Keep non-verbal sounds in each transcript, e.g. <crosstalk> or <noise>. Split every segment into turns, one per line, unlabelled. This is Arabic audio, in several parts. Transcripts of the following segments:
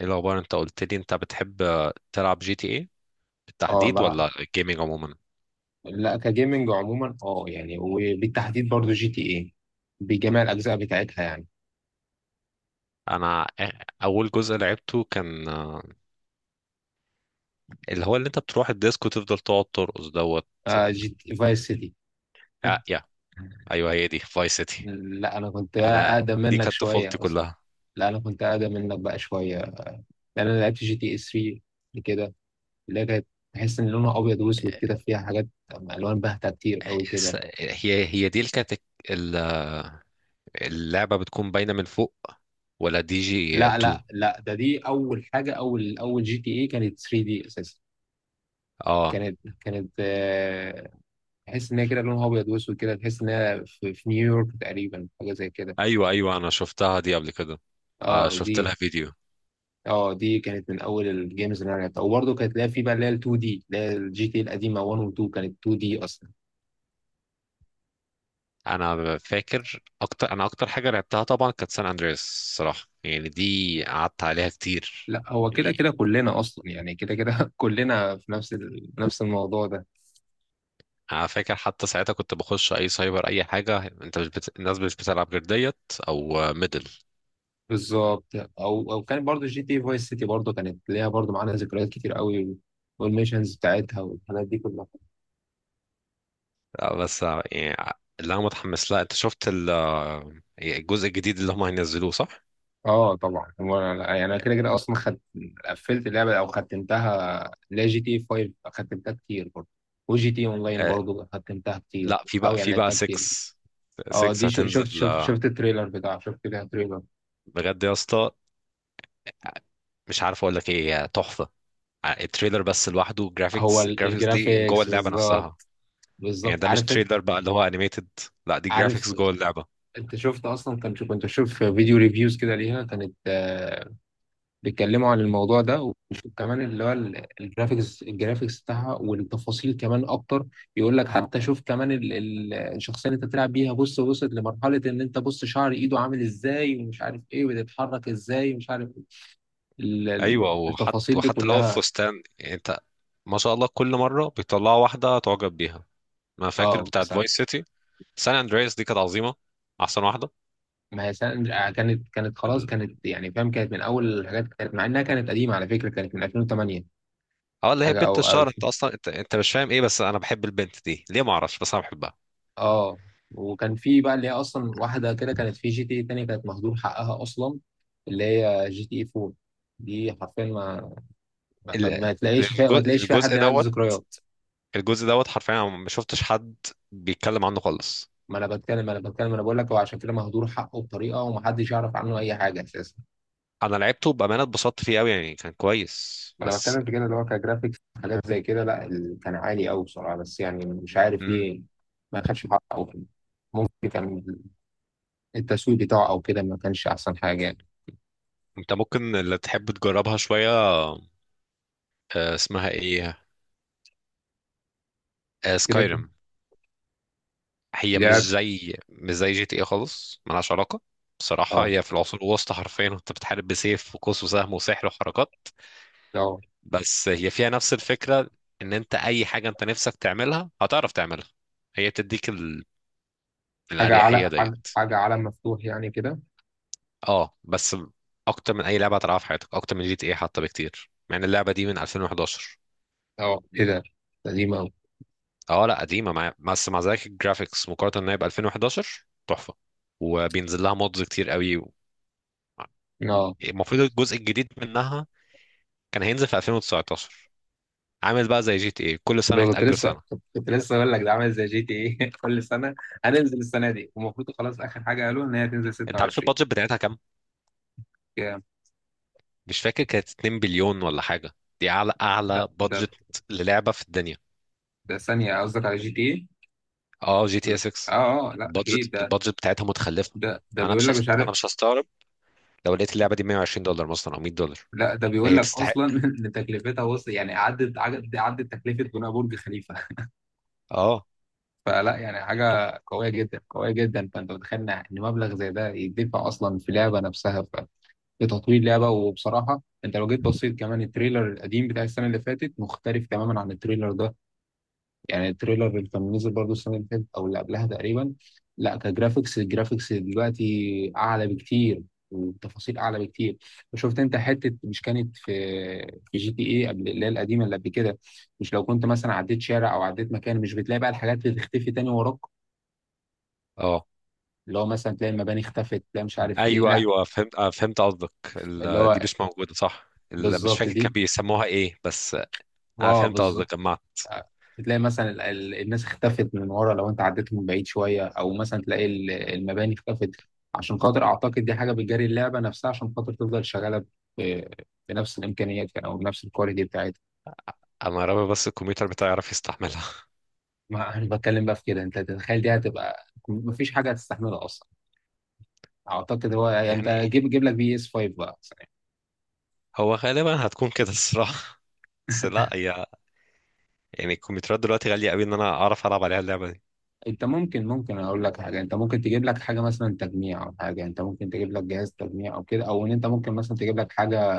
ايه الاخبار؟ انت قلت لي انت بتحب تلعب جي تي ايه
اه
بالتحديد
بلعب.
ولا الجيمنج عموما؟
لا كجيمنج عموما، يعني وبالتحديد برضو جي تي ايه بجميع الاجزاء بتاعتها يعني.
انا اول جزء لعبته كان اللي هو اللي انت بتروح الديسك وتفضل تقعد ترقص دوت.
آه، جي تي فايس سيتي. <laughs>
يا، ايوه هي دي فايس سيتي.
لا انا كنت
انا،
اقدم
دي
منك
كانت طفولتي
شويه اصلا.
كلها.
لا انا كنت اقدم منك بقى شويه، لان انا لعبت جي تي اي 3 قبل كده، اللي هي كانت تحس ان لونها ابيض واسود كده، فيها حاجات الوان باهته كتير قوي كده.
هي دي اللي كانت، ال- آه، اللعبه بتكون باينه من فوق ولا دي جي
لا
2؟
لا لا، دي اول حاجه، اول جي تي اي كانت 3 دي اساسا.
اه،
كانت تحس ان هي كده لونها ابيض واسود كده، تحس ان هي في نيويورك تقريبا، حاجه زي كده.
ايوه ايوه، انا شفتها دي قبل كده.
اه دي.
شفت لها فيديو.
اه دي كانت من اول الجيمز اللي انا لعبتها، وبرضه كانت لها في بقى اللي هي ال 2 دي، اللي هي الجي تي القديمه 1 و 2، كانت 2 دي اصلا.
انا اكتر حاجه لعبتها طبعا كانت سان اندريس، الصراحه يعني دي قعدت عليها كتير.
لا هو كده
يعني
كده كلنا اصلا يعني كده كده <laughs> كلنا في نفس نفس الموضوع ده.
انا فاكر حتى ساعتها كنت بخش اي سايبر، اي حاجه، انت مش بت... الناس مش بتلعب غير ديت او ميدل.
بالظبط. او كانت برضه جي تي فايس سيتي برضه، كانت ليها برضه معانا ذكريات كتير قوي، والميشنز بتاعتها والحاجات دي كلها.
بس يعني اللي انا متحمس لها، انت شفت الجزء الجديد اللي هم هينزلوه صح؟
اه طبعا، يعني انا كده كده اصلا خد، قفلت اللعبه او ختمتها، لا جي تي 5 ختمتها كتير برضه، وجي تي إيه اونلاين
آه،
برضه ختمتها كتير.
لا، في
او
بقى
يعني لعبتها
6.
كتير. اه
6
دي شفت
هتنزل
شفت شفت التريلر بتاعه، شفت لها تريلر.
بجد يا اسطى، مش عارف اقول لك ايه، هي تحفه. التريلر بس لوحده
هو
الجرافيكس دي جوه
الجرافيكس
اللعبه نفسها.
بالظبط،
يعني
بالظبط
ده مش
عارف
تريلر بقى اللي هو انيميتد، لا دي جرافيكس
عارف
جوه اللعبه.
انت شفت اصلا، كنت بشوف فيديو ريفيوز كده ليها، كانت بيتكلموا عن الموضوع ده، وبشوف كمان اللي هو الجرافيكس الجرافيكس بتاعها والتفاصيل كمان اكتر. بيقول لك حتى شوف كمان الشخصيه اللي انت بتلعب بيها، بص وصلت لمرحله ان انت بص شعر ايده عامل ازاي ومش عارف ايه، وبتتحرك ازاي ومش عارف
ايوه، وحتى
التفاصيل دي
وحتى اللي هو
كلها.
الفستان يعني انت... ما شاء الله، كل مره بيطلعوا واحده تعجب بيها. انا فاكر
اه
بتاعت
بصراحه.
فايس سيتي. سان اندرياس دي كانت عظيمه، احسن واحده.
ما هي سن- كانت خلاص،
ال-
كانت يعني فاهم، كانت من اول الحاجات، كانت مع انها كانت قديمه على فكره، كانت من 2008.
اه اللي هي
حاجه
بنت
او أو
الشهر، انت اصلا انت مش فاهم ايه بس انا بحب البنت دي ليه؟ ما اعرفش بس انا بحبها.
اه وكان في بقى اللي هي اصلا واحده كده كانت في جي تي اي تانية كانت مهدور حقها اصلا، اللي هي جي تي اي 4. دي حرفيا ما ما, ما
ال-
ما تلاقيش فيها، ما
الجزء
تلاقيش فيها
الجزء
حد عنده
دوت.
ذكريات.
الجزء دوت حرفيا أنا ما شفتش حد بيتكلم عنه خالص.
ما انا بتكلم انا بقول لك، هو عشان كده مهدور حقه بطريقه، ومحدش يعرف عنه اي حاجه اساسا.
انا لعبته بامانه، اتبسطت فيه قوي، يعني كان كويس
ما انا
بس.
بتكلم في كده، اللي هو كجرافيكس حاجات زي كده، لا كان عالي قوي بصراحه، بس يعني مش عارف ليه ما خدش حقه ممكن كان التسويق بتاعه او كده ما كانش احسن حاجه يعني.
انت ممكن اللي تحب تجربها شوية، اسمها ايه؟
كده كده
سكايرم. هي مش
لعب.
زي مش زي جي تي ايه خالص، ملهاش علاقة. بصراحة
اه
هي في العصور الوسطى، حرفيا انت بتحارب بسيف وقوس وسهم وسحر وحركات. بس هي فيها نفس الفكرة، ان انت اي حاجة انت نفسك تعملها هتعرف تعملها. هي بتديك
حاجة
الاريحية
على حاجة،
ديت.
حاجة على مفتوح يعني كده.
اه بس، اكتر من اي لعبة هتلعبها في حياتك، اكتر من جي تي ايه حتى بكتير، مع ان اللعبة دي من 2011.
اه ايه ده قديم أوي.
اه لا، قديمه بس مع ذلك الجرافيكس، مقارنه ان هي ب 2011 تحفه، وبينزل لها مودز كتير قوي
اه
المفروض الجزء الجديد منها كان هينزل في 2019، عامل بقى زي جي تي ايه كل سنه
كنت
يتاجل
لسه
سنه.
كنت لسه اقول لك ده عامل زي جي تي ايه <laughs> كل سنة. هننزل السنة دي، والمفروض خلاص آخر حاجة قالوا إن هي تنزل
انت عارف
26.
البادجت بتاعتها كام؟
يا،
مش فاكر، كانت 2 بليون ولا حاجه، دي اعلى
ده
اعلى
ده
بادجت للعبه في الدنيا.
ده ثانية، قصدك على جي تي ايه؟
اه، جي تي
ولا-
اس 6.
اه اه لا اكيد
البادجت
ده.
البادجت بتاعتها متخلفه.
ده
يعني
بيقول لك مش
انا
عارف.
مش هستغرب لو لقيت اللعبه دي 120 دولار مثلا او 100 دولار،
لا ده بيقول
هي
لك
تستحق.
اصلا <laughs> ان تكلفتها وصل يعني، عدت تكلفه بناء برج خليفه <laughs>
اه
فلا يعني حاجه قويه جدا قويه جدا، فانت متخيل ان مبلغ زي ده يدفع اصلا في لعبه نفسها، لتطوير لعبة. وبصراحة انت لو جيت بصيت كمان التريلر القديم بتاع السنة اللي فاتت، مختلف تماما عن التريلر ده. يعني التريلر اللي كان نزل برضه السنة اللي فاتت او اللي قبلها تقريبا، لا كجرافيكس الجرافيكس دلوقتي اعلى بكتير، والتفاصيل اعلى بكتير. وشفت انت حتة مش كانت في في جي تي اي قبل، اللي هي القديمة اللي قبل كده. مش لو كنت مثلا عديت شارع او عديت مكان، مش بتلاقي بقى الحاجات اللي تختفي تاني وراك،
اه،
اللي هو مثلا تلاقي المباني اختفت، تلاقي مش عارف ايه
ايوه
لا.
ايوه، فهمت، فهمت قصدك.
اللي هو
دي مش موجوده صح، مش
بالظبط
فاكر كان
دي،
بيسموها ايه بس. انا
اه
فهمت
بالظبط.
قصدك، جمعت.
تلاقي مثلا الناس اختفت من ورا، لو انت عديت من بعيد شويه، او مثلا تلاقي المباني اختفت. عشان خاطر اعتقد دي حاجه بتجري اللعبه نفسها، عشان خاطر تفضل شغاله ب- بنفس الامكانيات يعني، او بنفس الكواليتي بتاعتها.
انا رامي بس الكمبيوتر بتاعي يعرف يستحملها.
ما انا بتكلم بقى في كده، انت تتخيل دي هتبقى مفيش حاجه هتستحملها اصلا. اعتقد هو
<laughs>
يعني انت
يعني
جيب جيب لك بي اس 5 بقى مثلا.
هو غالبا هتكون كده الصراحه بس، لا هي يعني الكمبيوترات دلوقتي غاليه قوي ان انا اعرف العب عليها اللعبه دي.
انت ممكن اقول لك حاجه، انت ممكن تجيب لك حاجه مثلا تجميع او حاجه، انت ممكن تجيب لك جهاز تجميع او كده، او ان انت ممكن مثلا تجيب لك حاجه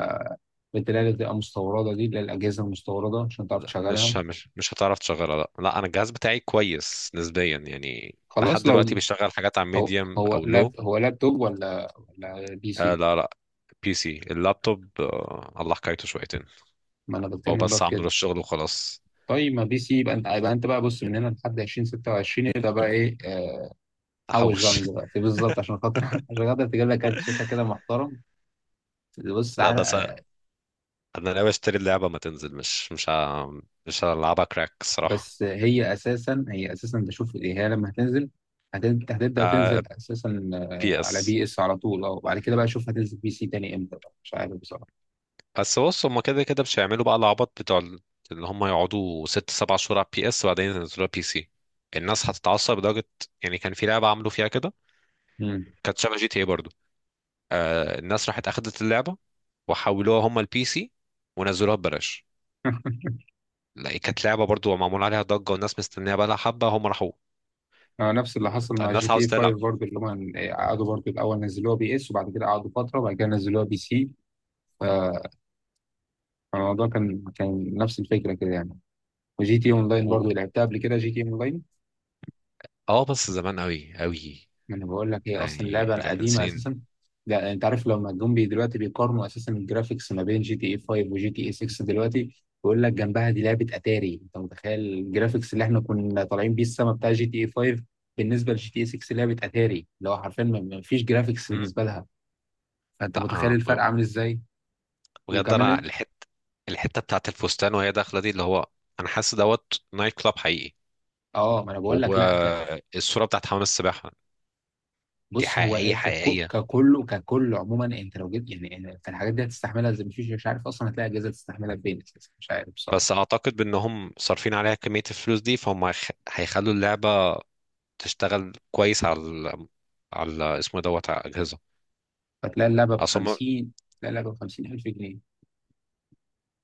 بتلاقي بتبقى مستورده، دي اللي هي الاجهزه المستورده عشان تعرف
لا،
تشغلها.
مش هتعرف تشغلها، لا لا، انا الجهاز بتاعي كويس نسبيا يعني لحد
خلاص
دلوقتي
لو
بيشغل حاجات على
هو
ميديوم
هو
او لو...
هو لابتوب ولا بي سي.
لا لا، بي سي. اللابتوب الله حكايته شويتين.
ما انا
هو
بتكلم بقى
بس
في
عامله
كده.
للشغل وخلاص.
طيب ما بي سي، يبقى انت بقى بص، من هنا لحد 2026 ابدا بقى ايه. حوش بقى
احوش.
من دلوقتي بالظبط، عشان خاطر <laughs> عشان خاطر تجيب لك كارت شاشه كده
<laughs>
محترم. بص
لا بس انا
عرق.
أنا ناوي اشتري اللعبه ما تنزل، مش هلعبها كراك الصراحه.
بس هي اساسا، هي اساسا بشوف إيه، هي لما هتنزل هتبدا تنزل اساسا
بي
على
اس.
بي اس على طول. اه وبعد كده بقى اشوف هتنزل بي سي تاني امتى، بقى مش عارف بصراحه.
بس بص هما كده كده مش هيعملوا بقى العبط بتوع اللي هما يقعدوا ست سبع شهور على بي اس وبعدين ينزلوها بي سي. الناس هتتعصب لدرجه، يعني كان في لعبه عملوا فيها كده،
مم.
كانت شبه جي تي اي برضه. الناس راحت اخدت اللعبه وحولوها هما البي سي ونزلوها ببلاش.
<laughs>
لا كانت لعبه برضه معمول عليها ضجه والناس مستنيها بقى لها حبه، هما راحوا.
نفس اللي حصل مع جي
الناس
تي اي
عاوزه
5 برضه، اللي هم قعدوا برضه الاول نزلوها بي اس، وبعد كده قعدوا فتره، وبعد كده نزلوها بي سي. فالموضوع كان نفس الفكره كده يعني. وجي تي اونلاين
تلعب.
برضه لعبتها قبل كده، جي تي اونلاين.
اه بس زمان قوي قوي،
ما انا بقول لك هي اصلا
يعني
لعبه
دي كانت من
قديمه
سنين.
اساسا. ده انت عارف لما جم بي دلوقتي بيقارنوا اساسا الجرافيكس ما بين جي تي اي 5 وجي تي اي 6 دلوقتي. بيقول لك جنبها دي لعبه اتاري. انت متخيل الجرافيكس اللي احنا كنا طالعين بيه السما بتاع جي تي اي 5، بالنسبه لجي تي اي 6 لعبه اتاري، اللي هو حرفيا ما فيش جرافيكس
مم.
بالنسبه لها. فانت
لا
متخيل الفرق عامل ازاي.
بجد انا
وكمان
الحته بتاعت الفستان وهي داخله دي، اللي هو انا حاسس دوت نايت كلاب حقيقي.
اه، ما انا بقول لك لا ك...
والصوره بتاعت حمام السباحه دي
بص هو
حقيقيه
ايه،
حقيقيه.
ككله عموما، انت لو جيت يعني، انت الحاجات دي هتستحملها زي مفيش، مش عارف اصلا هتلاقي اجهزه تستحملها بفين اساسا، مش عارف
بس
بصراحه.
اعتقد بانهم صارفين عليها كميه الفلوس دي، فهم هيخلوا اللعبه تشتغل كويس على اسمه دوت على الاجهزه،
فتلاقي اللعبه ب
اصل هم-
50، تلاقي اللعبه ب 50000 جنيه.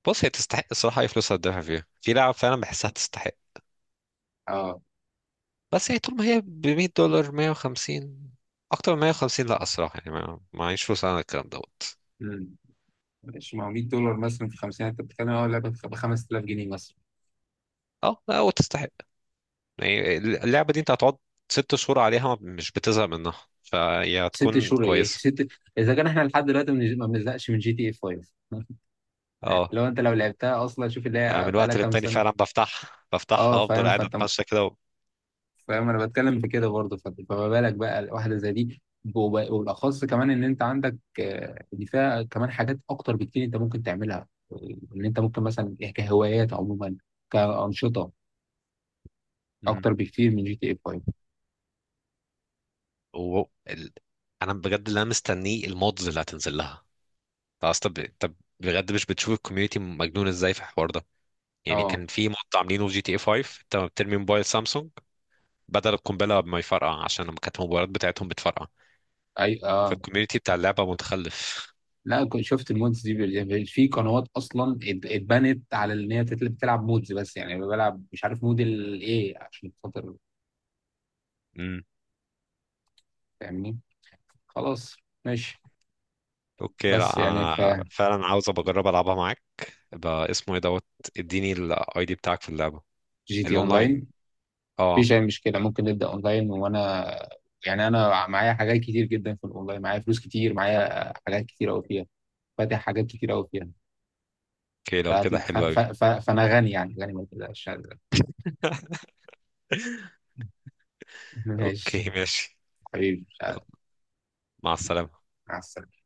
بص هي تستحق الصراحه، اي فلوس هتدفع فيها في لعب فعلا بحسها تستحق.
اه.
بس يعني طول ما هي ب 100 دولار، 150، اكتر من 150 لا الصراحه، يعني ما معيش فلوس على الكلام دوت.
امم مش ما هو 100 دولار مثلا في 50 انت بتتكلم، اه اللعبه ب 5000 جنيه مثلا.
اه لا وتستحق، يعني اللعبه دي انت هتقعد 6 شهور عليها مش بتزهق منها، فهي
ست
هتكون
شهور ايه
كويسه.
<laughs> ست، اذا كان احنا لحد دلوقتي ما بنزهقش من جي تي اي 5 <laughs>
اه،
لو انت لو لعبتها اصلا، شوف اللي
أنا
هي
من
بقى لها
وقت
كام
للتاني فعلا
سنه.
بفتحها
اه
بفتحها افضل
فاهم،
قاعد
فانت
اتمشى كده و...
فاهم، انا بتكلم في كده برضه، فما بالك بقى واحده زي دي. وبالاخص كمان ان انت عندك، دي فيها كمان حاجات اكتر بكتير انت ممكن تعملها، ان انت ممكن مثلا إيه، كهوايات عموما، كانشطه
مم.
اكتر بكتير من جي تي اي 5.
و... ال... انا بجد اللي انا مستنيه المودز اللي هتنزل لها. طب بجد، مش بتشوف الكوميونتي مجنون ازاي في الحوار ده؟ يعني
اه
كان في مود عاملينه في جي تي اي 5، انت بترمي موبايل سامسونج بدل القنبله ما يفرقع عشان لما كانت الموبايلات بتاعتهم بتفرقع.
اي اه
فالكوميونتي بتاع اللعبه متخلف.
لا، كنت شفت المودز دي يعني في قنوات اصلا اتبنت على ان هي بتلعب مودز، بس يعني بلعب مش عارف مود الايه، عشان خاطر
امم
فاهمني. خلاص. ماشي.
اوكي،
بس
لا
يعني ف
فعلا عاوز ابقى اجرب العبها معاك. يبقى اسمه ايه دوت. اديني الاي دي بتاعك في اللعبه
جي تي اونلاين.
الاونلاين. اه.
مفيش أي مشكلة، ممكن نبدأ أونلاين، وأنا يعني أنا معايا حاجات كتير جدا في الأونلاين، معايا فلوس كتير، معايا حاجات كتير أوي فيها، فاتح حاجات كتير أوي فيها.
اوكي، لو كده حلو قوي.
فأنا غني، يعني غني، ما تقلقش.
<laughs>
<laughs> ماشي
اوكي ماشي.
حبيبي،
يلا، مع السلامه.
مع السلامة.